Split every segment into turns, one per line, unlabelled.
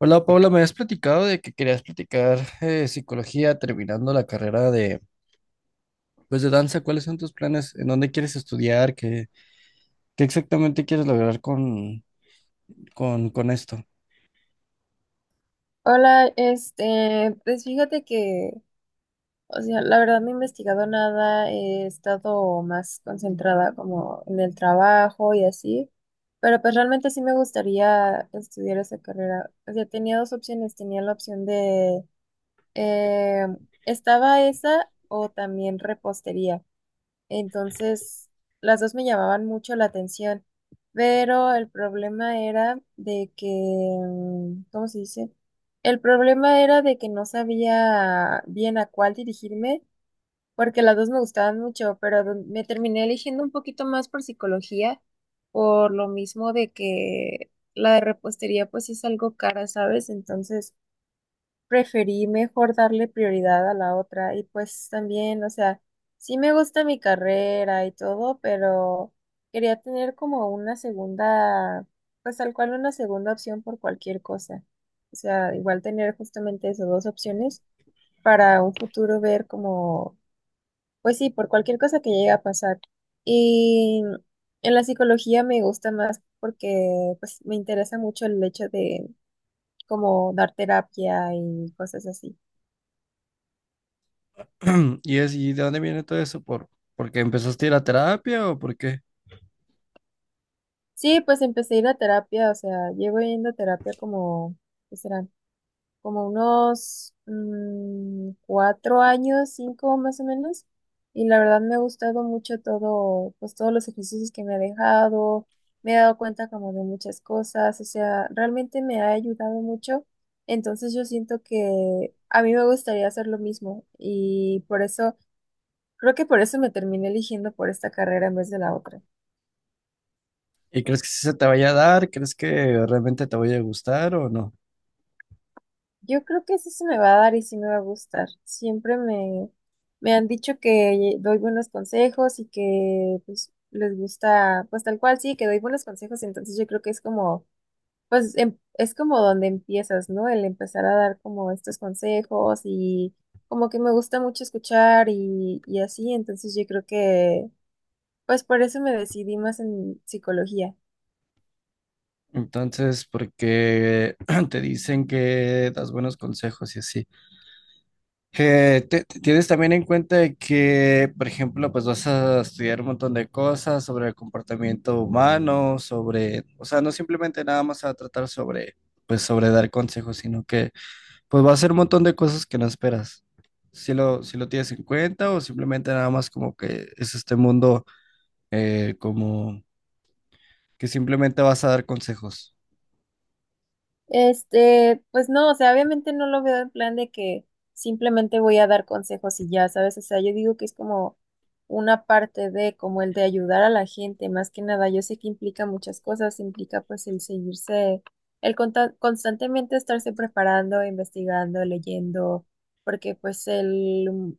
Hola Paula, me habías platicado de que querías platicar psicología terminando la carrera pues de danza. ¿Cuáles son tus planes? ¿En dónde quieres estudiar? ¿Qué exactamente quieres lograr con, con esto?
Hola, este, pues fíjate que, o sea, la verdad no he investigado nada, he estado más concentrada como en el trabajo y así, pero pues realmente sí me gustaría estudiar esa carrera. O sea, tenía dos opciones, tenía la opción de, eh, estaba esa o también repostería. Entonces, las dos me llamaban mucho la atención, pero el problema era de que, ¿cómo se dice? El problema era de que no sabía bien a cuál dirigirme, porque las dos me gustaban mucho, pero me terminé eligiendo un poquito más por psicología, por lo mismo de que la de repostería pues es algo cara, ¿sabes? Entonces preferí mejor darle prioridad a la otra y pues también, o sea, sí me gusta mi carrera y todo, pero quería tener como una segunda, pues tal cual una segunda opción por cualquier cosa. O sea, igual tener justamente esas dos opciones para un futuro ver como, pues sí, por cualquier cosa que llegue a pasar. Y en la psicología me gusta más porque pues me interesa mucho el hecho de como dar terapia y cosas así.
¿Y de dónde viene todo eso? ¿Porque empezaste a ir a terapia o por qué?
Sí, pues empecé a ir a terapia, o sea, llevo yendo a terapia como, ¿qué serán? Como unos 4 años, 5 más o menos. Y la verdad me ha gustado mucho todo, pues todos los ejercicios que me ha dejado. Me he dado cuenta como de muchas cosas, o sea, realmente me ha ayudado mucho. Entonces yo siento que a mí me gustaría hacer lo mismo y por eso, creo que por eso me terminé eligiendo por esta carrera en vez de la otra.
¿Y crees que sí se te vaya a dar? ¿Crees que realmente te vaya a gustar o no?
Yo creo que sí se me va a dar y sí me va a gustar. Siempre me, me han dicho que doy buenos consejos y que pues les gusta, pues tal cual sí, que doy buenos consejos, entonces yo creo que es como, pues es como donde empiezas, ¿no? El empezar a dar como estos consejos y como que me gusta mucho escuchar y así, entonces yo creo que, pues por eso me decidí más en psicología.
Entonces, porque te dicen que das buenos consejos y así. Tienes también en cuenta de que, por ejemplo, pues vas a estudiar un montón de cosas sobre el comportamiento humano, sobre, o sea, no simplemente nada más a tratar pues sobre dar consejos, sino que pues va a ser un montón de cosas que no esperas. Si lo tienes en cuenta o simplemente nada más como que es este mundo, como que simplemente vas a dar consejos.
Este, pues no, o sea, obviamente no lo veo en plan de que simplemente voy a dar consejos y ya, ¿sabes? O sea, yo digo que es como una parte de, como el de ayudar a la gente, más que nada, yo sé que implica muchas cosas, implica pues el seguirse, el constantemente estarse preparando, investigando, leyendo, porque pues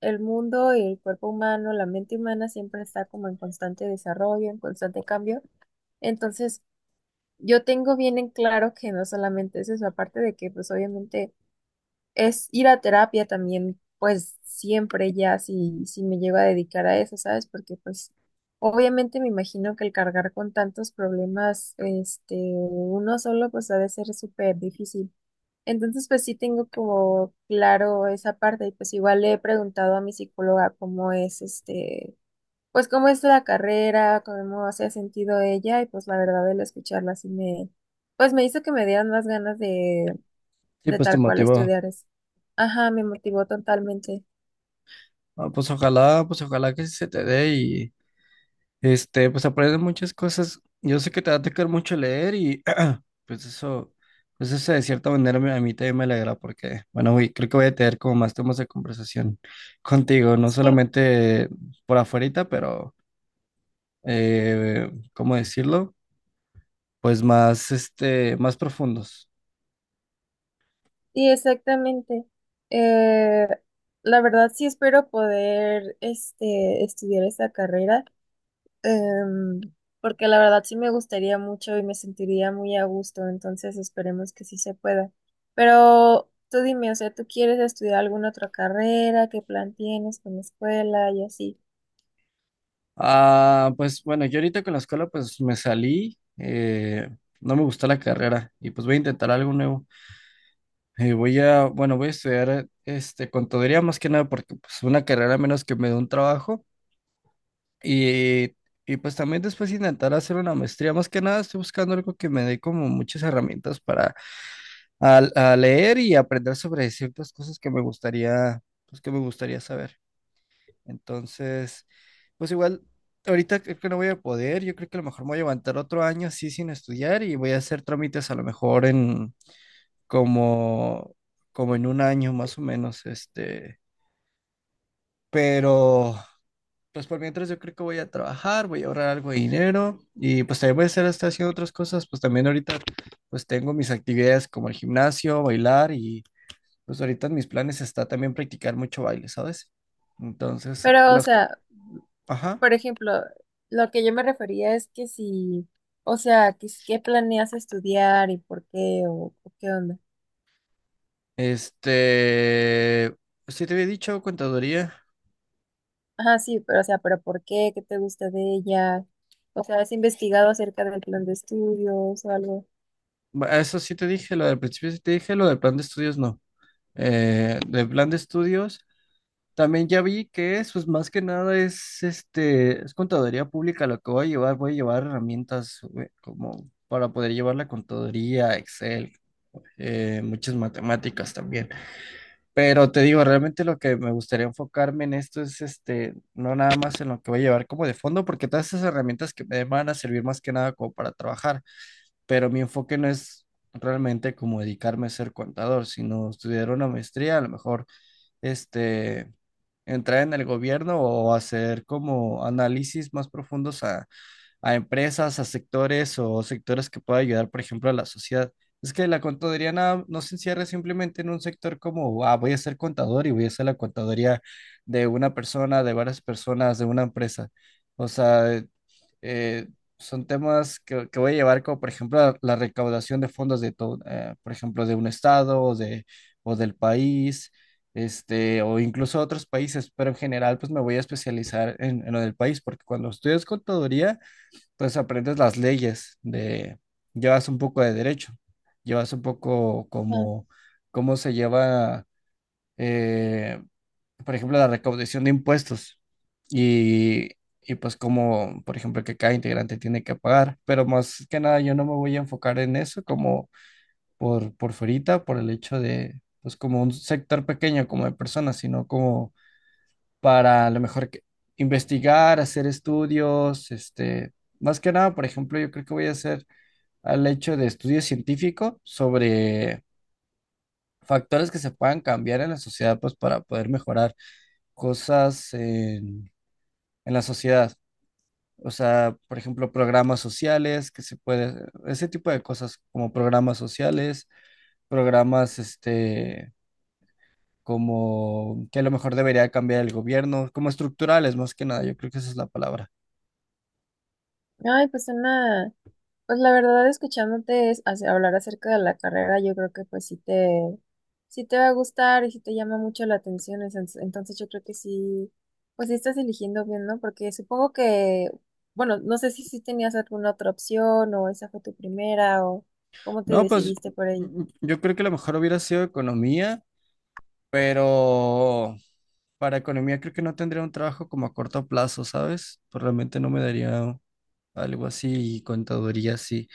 el mundo y el cuerpo humano, la mente humana siempre está como en constante desarrollo, en constante cambio. Entonces, yo tengo bien en claro que no solamente es eso, aparte de que pues obviamente es ir a terapia también, pues siempre ya si, si me llego a dedicar a eso, ¿sabes? Porque pues obviamente me imagino que el cargar con tantos problemas, este, uno solo pues ha de ser súper difícil. Entonces pues sí tengo como claro esa parte y pues igual le he preguntado a mi psicóloga cómo es este pues cómo es la carrera, cómo se ha sentido ella y pues la verdad el escucharla sí me, pues me hizo que me dieran más ganas
Sí,
de
pues te
tal cual
motivó.
estudiar eso. Ajá, me motivó totalmente.
Ah, pues ojalá que sí se te dé. Este, pues aprendes muchas cosas. Yo sé que te va a tocar mucho leer y pues eso, pues eso de cierta manera a mí también me alegra porque, bueno, güey, creo que voy a tener como más temas de conversación contigo, no
Sí,
solamente por afuerita, pero, ¿cómo decirlo? Pues más, este, más profundos.
sí, exactamente. Eh, la verdad sí espero poder este, estudiar esa carrera. Em, porque la verdad sí me gustaría mucho y me sentiría muy a gusto, entonces esperemos que sí se pueda. Pero tú dime, o sea, ¿tú quieres estudiar alguna otra carrera? ¿Qué plan tienes con la escuela y así?
Ah, pues bueno, yo ahorita con la escuela pues me salí, no me gustó la carrera y pues voy a intentar algo nuevo. Bueno, voy a estudiar este, contaduría más que nada porque pues una carrera menos que me dé un trabajo y, y pues también después intentar hacer una maestría. Más que nada estoy buscando algo que me dé como muchas herramientas para leer y aprender sobre ciertas cosas que me gustaría, pues que me gustaría saber. Entonces, pues igual, ahorita creo que no voy a poder. Yo creo que a lo mejor me voy a levantar otro año así sin estudiar y voy a hacer trámites a lo mejor en como, como en un año más o menos, este, pero pues por mientras yo creo que voy a trabajar, voy a ahorrar algo de dinero y pues también voy a estar hasta haciendo otras cosas, pues también ahorita pues tengo mis actividades como el gimnasio, bailar y pues ahorita en mis planes está también practicar mucho baile, ¿sabes? Entonces,
Pero, o sea,
ajá,
por ejemplo, lo que yo me refería es que si, o sea, que si- ¿qué planeas estudiar y por qué o qué onda?
este, pues, sí te había dicho contaduría.
Ajá, sí, pero, o sea, ¿pero por qué? ¿Qué te gusta de ella? O sea, ¿has investigado acerca del plan de estudios o algo?
Eso sí te dije, lo del principio sí te dije, lo del plan de estudios no. Del plan de estudios. También ya vi que es, pues más que nada es este, es contaduría pública lo que voy a llevar herramientas, como para poder llevar la contaduría, Excel, muchas matemáticas también. Pero te digo, realmente lo que me gustaría enfocarme en esto es este, no nada más en lo que voy a llevar como de fondo, porque todas esas herramientas que me den van a servir más que nada como para trabajar, pero mi enfoque no es realmente como dedicarme a ser contador, sino estudiar una maestría, a lo mejor este entrar en el gobierno o hacer como análisis más profundos a, empresas, a sectores o sectores que pueda ayudar, por ejemplo, a la sociedad. Es que la contaduría no, no se encierra simplemente en un sector como, ah, voy a ser contador y voy a hacer la contaduría de una persona, de varias personas, de una empresa. O sea, eh, son temas que voy a llevar como, por ejemplo, la recaudación de fondos de todo, por ejemplo, de un estado o de, o del país, este, o incluso otros países, pero en general, pues me voy a especializar en lo del país, porque cuando estudias contaduría, entonces aprendes las leyes de, llevas un poco de derecho, llevas un poco
Ah.
como cómo se lleva, eh, por ejemplo, la recaudación de impuestos y, y pues como, por ejemplo, que cada integrante tiene que pagar. Pero más que nada yo no me voy a enfocar en eso como por fuerita, por el hecho de, pues como un sector pequeño como de personas, sino como para a lo mejor investigar, hacer estudios, este, más que nada, por ejemplo, yo creo que voy a hacer al hecho de estudio científico sobre factores que se puedan cambiar en la sociedad, pues para poder mejorar cosas en la sociedad. O sea, por ejemplo, programas sociales que se puede, ese tipo de cosas como programas sociales, programas, este, como que a lo mejor debería cambiar el gobierno, como estructurales más que nada, yo creo que esa es la palabra.
Ay, pues una, pues la verdad escuchándote hablar acerca de la carrera, yo creo que pues sí te va a gustar y sí te llama mucho la atención, entonces yo creo que sí, pues sí estás eligiendo bien, ¿no? Porque supongo que, bueno, no sé si sí tenías alguna otra opción o esa fue tu primera o cómo te
No, pues
decidiste por ello.
yo creo que a lo mejor hubiera sido economía, pero para economía creo que no tendría un trabajo como a corto plazo, ¿sabes? Pues realmente no me daría algo así y contaduría así.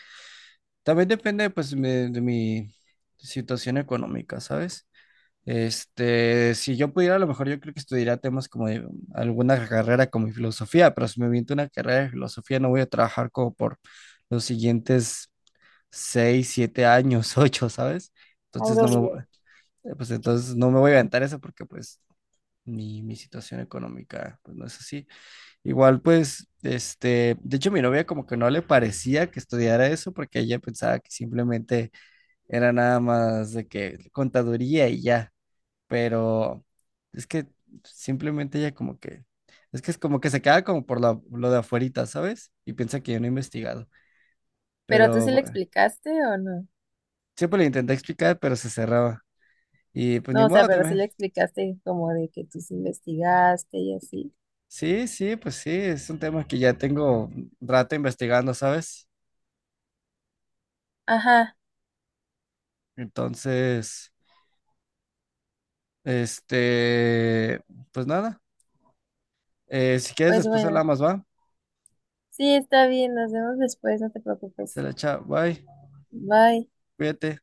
También depende pues de mi situación económica, ¿sabes? Este, si yo pudiera, a lo mejor yo creo que estudiaría temas como de alguna carrera como filosofía, pero si me viento una carrera de filosofía no voy a trabajar como por los siguientes seis, siete años, ocho, ¿sabes? Entonces
Algo
no me,
bien.
vo- pues entonces no me voy a aventar eso porque pues mi situación económica pues no es así. Igual pues, este, de hecho mi novia como que no le parecía que estudiara eso porque ella pensaba que simplemente era nada más de que contaduría y ya, pero es que simplemente ella como que es como que se queda como por lo de afuerita, ¿sabes? Y piensa que yo no he investigado,
¿Pero tú
pero
sí le
bueno,
explicaste o no?
siempre le intenté explicar, pero se cerraba. Y pues ni
No, o sea,
modo
pero sí
también.
le explicaste como de que tú sí investigaste y así.
Sí, sí, pues sí, es un tema que ya tengo un rato investigando, ¿sabes?
Ajá,
Entonces, este, pues nada. Si quieres,
pues
después
bueno.
hablamos, ¿va?
Sí, está bien, nos vemos después, no te
Se
preocupes.
la echa, bye,
Bye.
cuídate.